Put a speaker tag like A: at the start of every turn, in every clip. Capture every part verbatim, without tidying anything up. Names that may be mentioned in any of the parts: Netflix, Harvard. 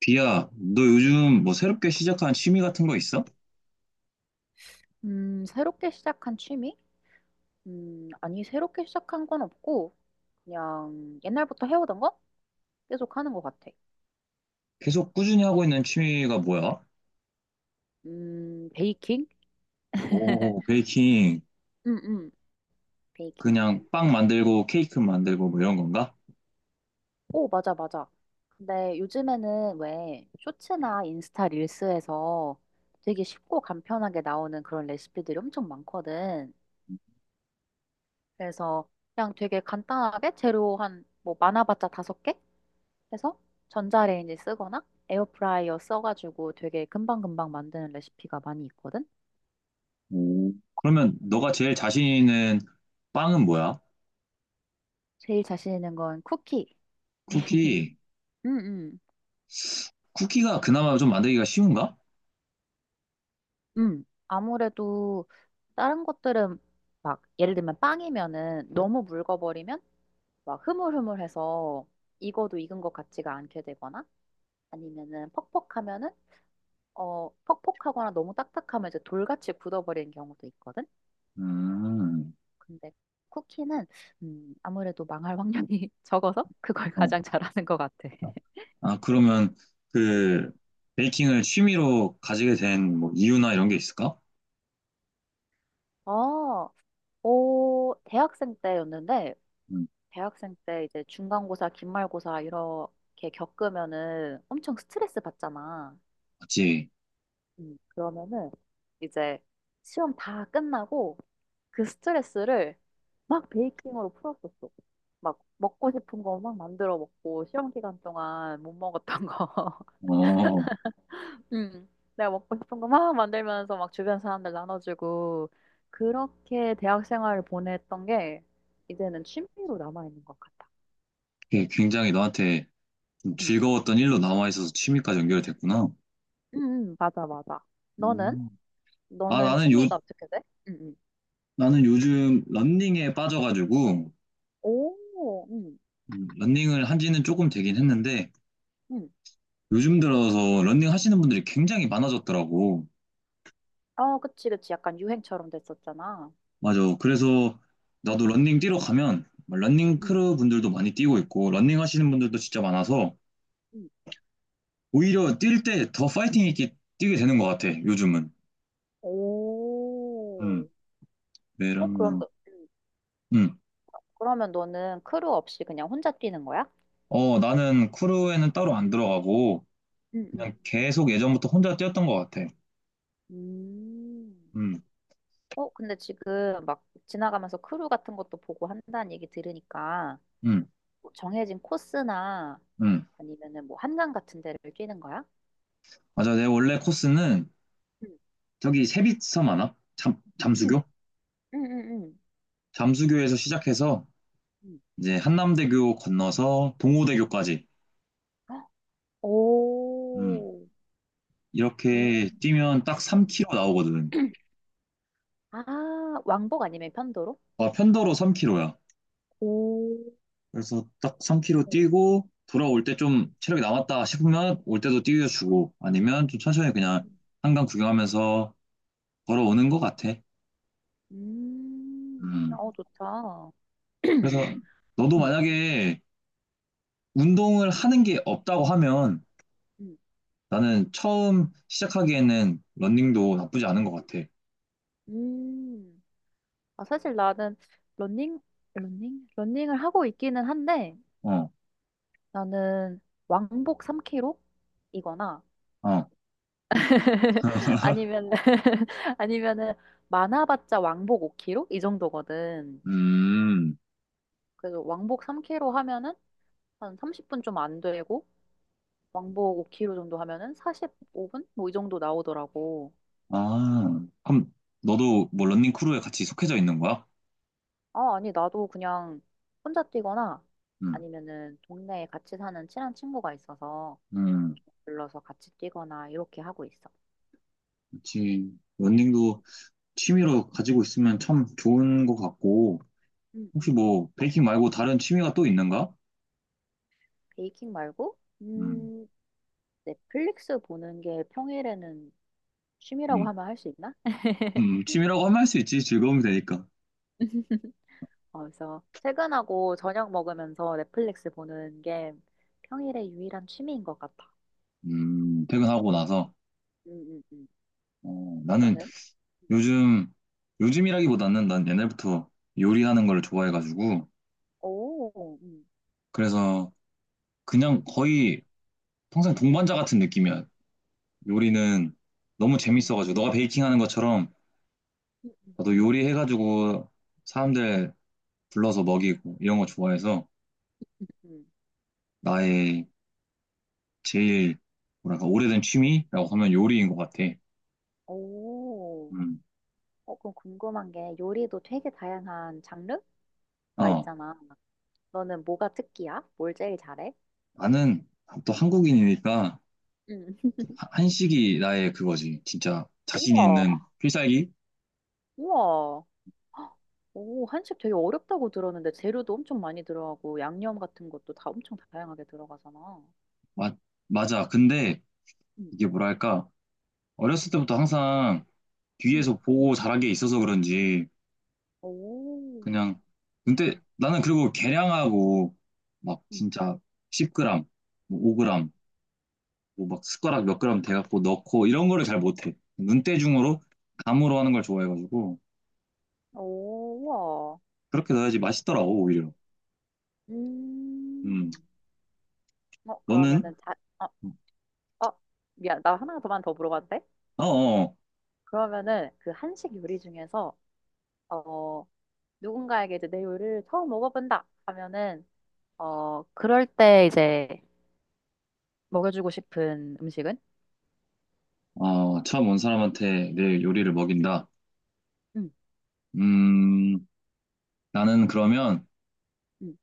A: 비야, 너 요즘 뭐 새롭게 시작한 취미 같은 거 있어?
B: 음, 새롭게 시작한 취미? 음, 아니, 새롭게 시작한 건 없고, 그냥 옛날부터 해오던 거? 계속 하는 것 같아.
A: 계속 꾸준히 하고 있는 취미가 뭐야?
B: 음, 베이킹?
A: 오, 베이킹.
B: 응, 응, 베이킹.
A: 그냥 빵 만들고 케이크 만들고 뭐 이런 건가?
B: 오, 맞아, 맞아. 근데 요즘에는 왜 쇼츠나 인스타 릴스에서 되게 쉽고 간편하게 나오는 그런 레시피들이 엄청 많거든. 그래서 그냥 되게 간단하게 재료 한, 뭐, 많아봤자 다섯 개? 해서 전자레인지 쓰거나 에어프라이어 써가지고 되게 금방금방 만드는 레시피가 많이 있거든?
A: 오. 그러면 너가 제일 자신 있는 빵은 뭐야?
B: 제일 자신 있는 건 쿠키.
A: 쿠키.
B: 음, 음,
A: 쿠키가 그나마 좀 만들기가 쉬운가?
B: 음. 아무래도 다른 것들은 막 예를 들면 빵이면은 너무 묽어버리면 막 흐물흐물해서 익어도 익은 것 같지가 않게 되거나 아니면은 퍽퍽하면은 어 퍽퍽하거나 너무 딱딱하면 이제 돌같이 굳어버리는 경우도 있거든.
A: 음.
B: 근데 쿠키는 음, 아무래도 망할 확률이 적어서 그걸
A: 어.
B: 가장 잘하는 것 같아.
A: 아, 그러면
B: 음, 음.
A: 그 베이킹을 취미로 가지게 된 뭐 이유나 이런 게 있을까?
B: 아, 오, 대학생 때였는데,
A: 음,
B: 대학생 때 이제 중간고사, 기말고사 이렇게 겪으면은 엄청 스트레스 받잖아.
A: 맞지.
B: 음, 그러면은 이제 시험 다 끝나고 그 스트레스를 막 베이킹으로 풀었었어. 막 먹고 싶은 거 막 만들어 먹고, 시험 기간 동안 못 먹었던 거.
A: 어,
B: 응. 내가 먹고 싶은 거 막 만들면서 막 주변 사람들 나눠주고 그렇게 대학 생활을 보냈던 게 이제는 취미로 남아있는 것 같아.
A: 그게 굉장히 너한테
B: 응.
A: 즐거웠던 일로 남아있어서 취미까지 연결됐구나.
B: 응, 응, 맞아, 맞아. 너는?
A: 음, 아,
B: 너는
A: 나는 요,
B: 취미가 어떻게 돼? 응, 응.
A: 나는 요즘 런닝에 빠져가지고,
B: 오, 응,
A: 음, 런닝을 한 지는 조금 되긴 했는데,
B: 응.
A: 요즘 들어서 런닝 하시는 분들이 굉장히 많아졌더라고.
B: 어, 그치, 그치. 약간 유행처럼 됐었잖아.
A: 맞아. 그래서 나도
B: 응,
A: 런닝 뛰러 가면, 막 런닝
B: 응,
A: 크루 분들도 많이 뛰고 있고, 런닝 하시는 분들도 진짜 많아서,
B: 응.
A: 오히려 뛸 때 더 파이팅 있게 뛰게 되는 것 같아, 요즘은.
B: 오.
A: 음,
B: 어, 그럼
A: 왜냐면,
B: 너, 응.
A: 음,
B: 그러면 너는 크루 없이 그냥 혼자 뛰는 거야?
A: 어, 나는 크루에는 따로 안 들어가고,
B: 응, 응.
A: 그냥 계속 예전부터 혼자 뛰었던 것 같아.
B: 음.
A: 음,
B: 어, 근데 지금 막 지나가면서 크루 같은 것도 보고 한다는 얘기 들으니까
A: 음,
B: 뭐 정해진 코스나
A: 음.
B: 아니면은 뭐 한강 같은 데를 뛰는 거야?
A: 맞아. 내 원래 코스는
B: 응,
A: 저기 세빛섬 아나? 잠,
B: 응,
A: 잠수교?
B: 응, 응.
A: 잠수교에서 시작해서
B: 응.
A: 이제 한남대교 건너서 동호대교까지.
B: 응.
A: 음,
B: 오,
A: 이렇게
B: 오.
A: 뛰면 딱 삼 킬로미터 나오거든.
B: 아, 왕복 아니면 편도로?
A: 아, 편도로 삼 킬로미터야.
B: 오,
A: 그래서 딱 삼 킬로미터 뛰고 돌아올 때 좀 체력이 남았다 싶으면 올 때도 뛰어주고 아니면 좀 천천히 그냥 한강 구경하면서 걸어오는 것 같아.
B: 음,
A: 음.
B: 어, 좋다.
A: 그래서 너도
B: 음,
A: 만약에 운동을 하는 게 없다고 하면
B: 응.
A: 나는 처음 시작하기에는 러닝도 나쁘지 않은 것 같아.
B: 음. 아, 사실 나는 러닝, 러닝? 러닝을 하고 있기는 한데,
A: 어,
B: 나는 왕복 삼 킬로미터? 이거나
A: 어,
B: 아니면 아니면은 많아봤자 왕복 오 킬로미터? 이 정도거든.
A: 음,
B: 그래서 왕복 삼 킬로미터 하면은 한 삼십 분 좀 안 되고 왕복 오 킬로미터 정도 하면은 사십오 분? 뭐 이 정도 나오더라고.
A: 아, 그럼 너도 뭐 러닝 크루에 같이 속해져 있는 거야?
B: 아, 아니 나도 그냥 혼자 뛰거나
A: 음,
B: 아니면은 동네에 같이 사는 친한 친구가 있어서
A: 음,
B: 불러서 같이 뛰거나 이렇게 하고 있어.
A: 그치. 러닝도 취미로 가지고 있으면 참 좋은 것 같고,
B: 음,
A: 혹시
B: 음.
A: 뭐 베이킹 말고 다른 취미가 또 있는가?
B: 베이킹 말고?
A: 음,
B: 음, 넷플릭스 보는 게 평일에는 취미라고
A: 음,
B: 하면 할 수 있나?
A: 음, 취미라고 하면 할 수 있지. 즐거움이 되니까.
B: 어, 그래서 퇴근하고 저녁 먹으면서 넷플릭스 보는 게 평일의 유일한 취미인 것 같아.
A: 음, 퇴근하고
B: 음,
A: 나서.
B: 음, 음. 음.
A: 어, 나는
B: 너는?
A: 요즘, 요즘이라기보다는 난 옛날부터 요리하는 걸 좋아해가지고,
B: 오, 음,
A: 그래서 그냥 거의 평생 동반자 같은 느낌이야. 요리는 너무
B: 음,
A: 재밌어가지고, 너가 베이킹하는 것처럼
B: 음, 음,
A: 나도 요리해가지고 사람들 불러서 먹이고 이런 거 좋아해서
B: 음.
A: 나의 제일 뭐랄까 오래된 취미라고 하면 요리인 것 같아.
B: 오.
A: 음.
B: 어, 그럼 궁금한 게 요리도 되게 다양한 장르가
A: 어,
B: 있잖아. 너는 뭐가 특기야? 뭘 제일 잘해?
A: 나는 또 한국인이니까
B: 음.
A: 하- 한식이 나의 그거지. 진짜 자신
B: 우와,
A: 있는 필살기?
B: 우와. 오, 한식 되게 어렵다고 들었는데 재료도 엄청 많이 들어가고 양념 같은 것도 다 엄청 다양하게 들어가잖아.
A: 맞- 맞아. 근데
B: 응,
A: 이게 뭐랄까, 어렸을 때부터 항상
B: 응.
A: 뒤에서 보고 자란 게 있어서 그런지,
B: 오,
A: 그냥, 근데
B: 응,
A: 나는 그리고 계량하고, 막
B: 응,
A: 진짜 십 그램, 뭐
B: 응.
A: 오 그램, 뭐막 숟가락 몇 g 돼갖고 넣고 이런 거를 잘 못해. 눈대중으로, 감으로 하는 걸 좋아해가지고,
B: 오, 와.
A: 그렇게 넣어야지 맛있더라고, 오히려. 음,
B: 음. 어,
A: 너는?
B: 그러면은 자, 어, 어, 미안, 나 하나만 더 물어봐도 돼?
A: 어어,
B: 그러면은 그 한식 요리 중에서 어 누군가에게 이제 내 요리를 처음 먹어본다 하면은 어 그럴 때 이제 먹여주고 싶은 음식은?
A: 어, 처음 온 사람한테 내 요리를 먹인다.
B: 응.
A: 음, 나는 그러면,
B: 응,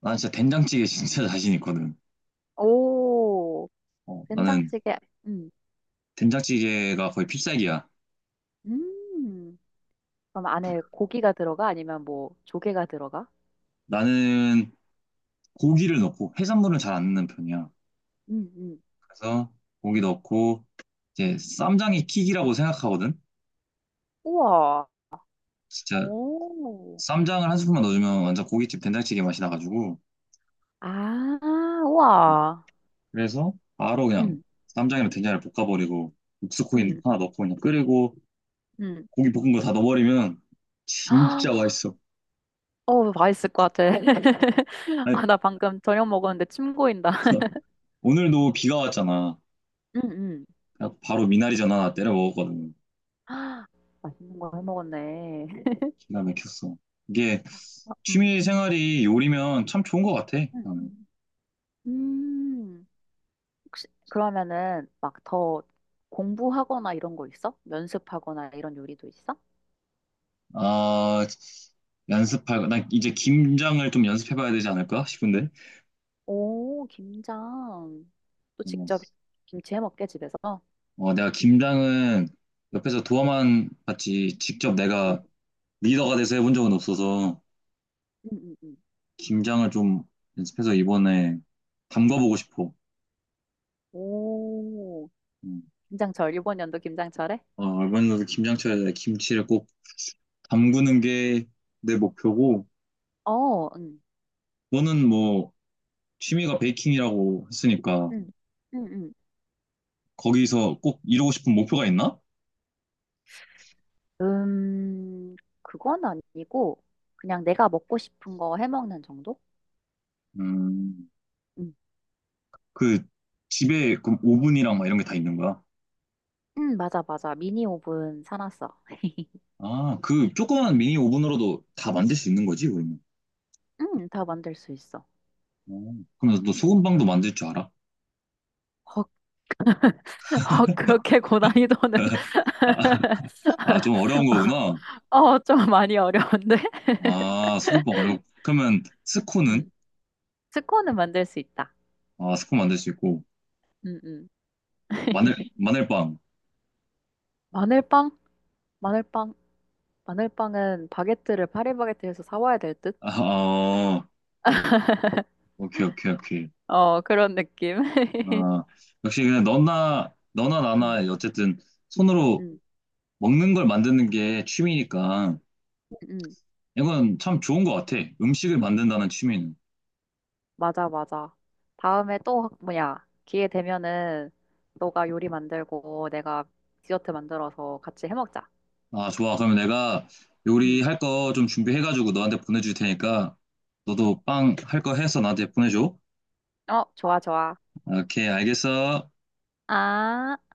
A: 난 진짜 된장찌개 진짜 자신 있거든.
B: 오,
A: 어, 나는
B: 된장찌개. 음.
A: 된장찌개가 거의 필살기야.
B: 음. 그럼 안에 고기가 들어가? 아니면 뭐 조개가 들어가?
A: 나는 고기를 넣고 해산물은 잘 안 넣는 편이야.
B: 음, 음,
A: 그래서 고기 넣고 이제
B: 음.
A: 쌈장이 킥이라고 생각하거든.
B: 우와.
A: 진짜
B: 오.
A: 쌈장을 한 스푼만 넣어주면 완전 고깃집 된장찌개 맛이 나가지고
B: 아, 우와.
A: 그래서 바로 그냥
B: 음,
A: 쌈장이랑 된장을 볶아버리고 육수코인
B: 음,
A: 하나 넣고 그냥 끓이고
B: 음.
A: 고기 볶은 거 다 넣어버리면
B: 아,
A: 진짜 맛있어.
B: 어, 맛있을 것 같아.
A: 아니,
B: 아, 나 방금 저녁 먹었는데 침 고인다.
A: 오늘도 비가 왔잖아.
B: 음, 음.
A: 그래갖고 바로 미나리 전 하나 때려 먹었거든.
B: 아, 맛있는 거 해먹었네.
A: 기가 막혔어. 이게
B: 어, 음,
A: 취미 생활이 요리면 참 좋은 것 같아.
B: 음.
A: 나는.
B: 음. 혹시 그러면은 막 더 공부하거나 이런 거 있어? 연습하거나 이런 요리도 있어?
A: 아, 연습할, 나 이제 김장을 좀 연습해봐야 되지 않을까 싶은데.
B: 오, 김장. 또
A: 어,
B: 직접 김치 해 먹게, 집에서?
A: 어, 내가 김장은
B: 응,
A: 옆에서 도와만 봤지, 직접
B: 응,
A: 내가 리더가 돼서 해본 적은 없어서,
B: 응, 응, 응.
A: 김장을 좀 연습해서 이번에
B: 응.
A: 담가보고 싶어.
B: 오,
A: 음.
B: 김장철. 이번 연도 김장철에?
A: 어, 이번에도 김장철에 김치를 꼭 담그는 게 내 목표고,
B: 어, 응,
A: 너는 뭐, 취미가 베이킹이라고 했으니까,
B: 응, 응,
A: 거기서 꼭 이루고 싶은 목표가 있나?
B: 응. 음, 그건 아니고, 그냥 내가 먹고 싶은 거 해 먹는 정도?
A: 음,
B: 응,
A: 그 집에 그 오븐이랑 막 이런 게 다 있는 거야.
B: 응, 맞아, 맞아. 미니 오븐 사놨어.
A: 아, 그 조그만 미니 오븐으로도 다 만들 수 있는 거지, 그러면.
B: 응, 다 만들 수 있어.
A: 음. 그럼 너
B: 응.
A: 소금빵도 만들 줄 알아?
B: 헉, 그렇게 고난이도는,
A: 아, 아, 좀 어려운 거구나.
B: 어, 좀 많이 어려운데?
A: 아, 소금빵 어려워. 그러면 스콘은?
B: 스콘은 만들 수 있다.
A: 아, 스콘 만들 수 있고.
B: 음, 음.
A: 마늘, 마늘빵.
B: 마늘빵? 마늘빵? 마늘빵은 바게트를 파리바게트에서 사와야 될 듯?
A: 아, 어, 오케이, 오케이, 오케이.
B: 어, 그런 느낌.
A: 아, 역시 그냥 너나, 너나
B: 음,
A: 나나, 어쨌든 손으로
B: 음,
A: 먹는 걸 만드는 게 취미니까
B: 음, 음.
A: 이건 참 좋은 것 같아. 음식을 만든다는 취미는.
B: 맞아, 맞아. 다음에 또, 뭐야, 기회 되면은, 너가 요리 만들고, 내가 디저트 만들어서 같이 해먹자.
A: 아, 좋아. 그러면 내가
B: 음.
A: 요리할 거 좀 준비해가지고 너한테 보내줄 테니까 너도 빵 할 거 해서 나한테 보내줘.
B: 어, 좋아, 좋아.
A: 오케이, 알겠어.
B: 아.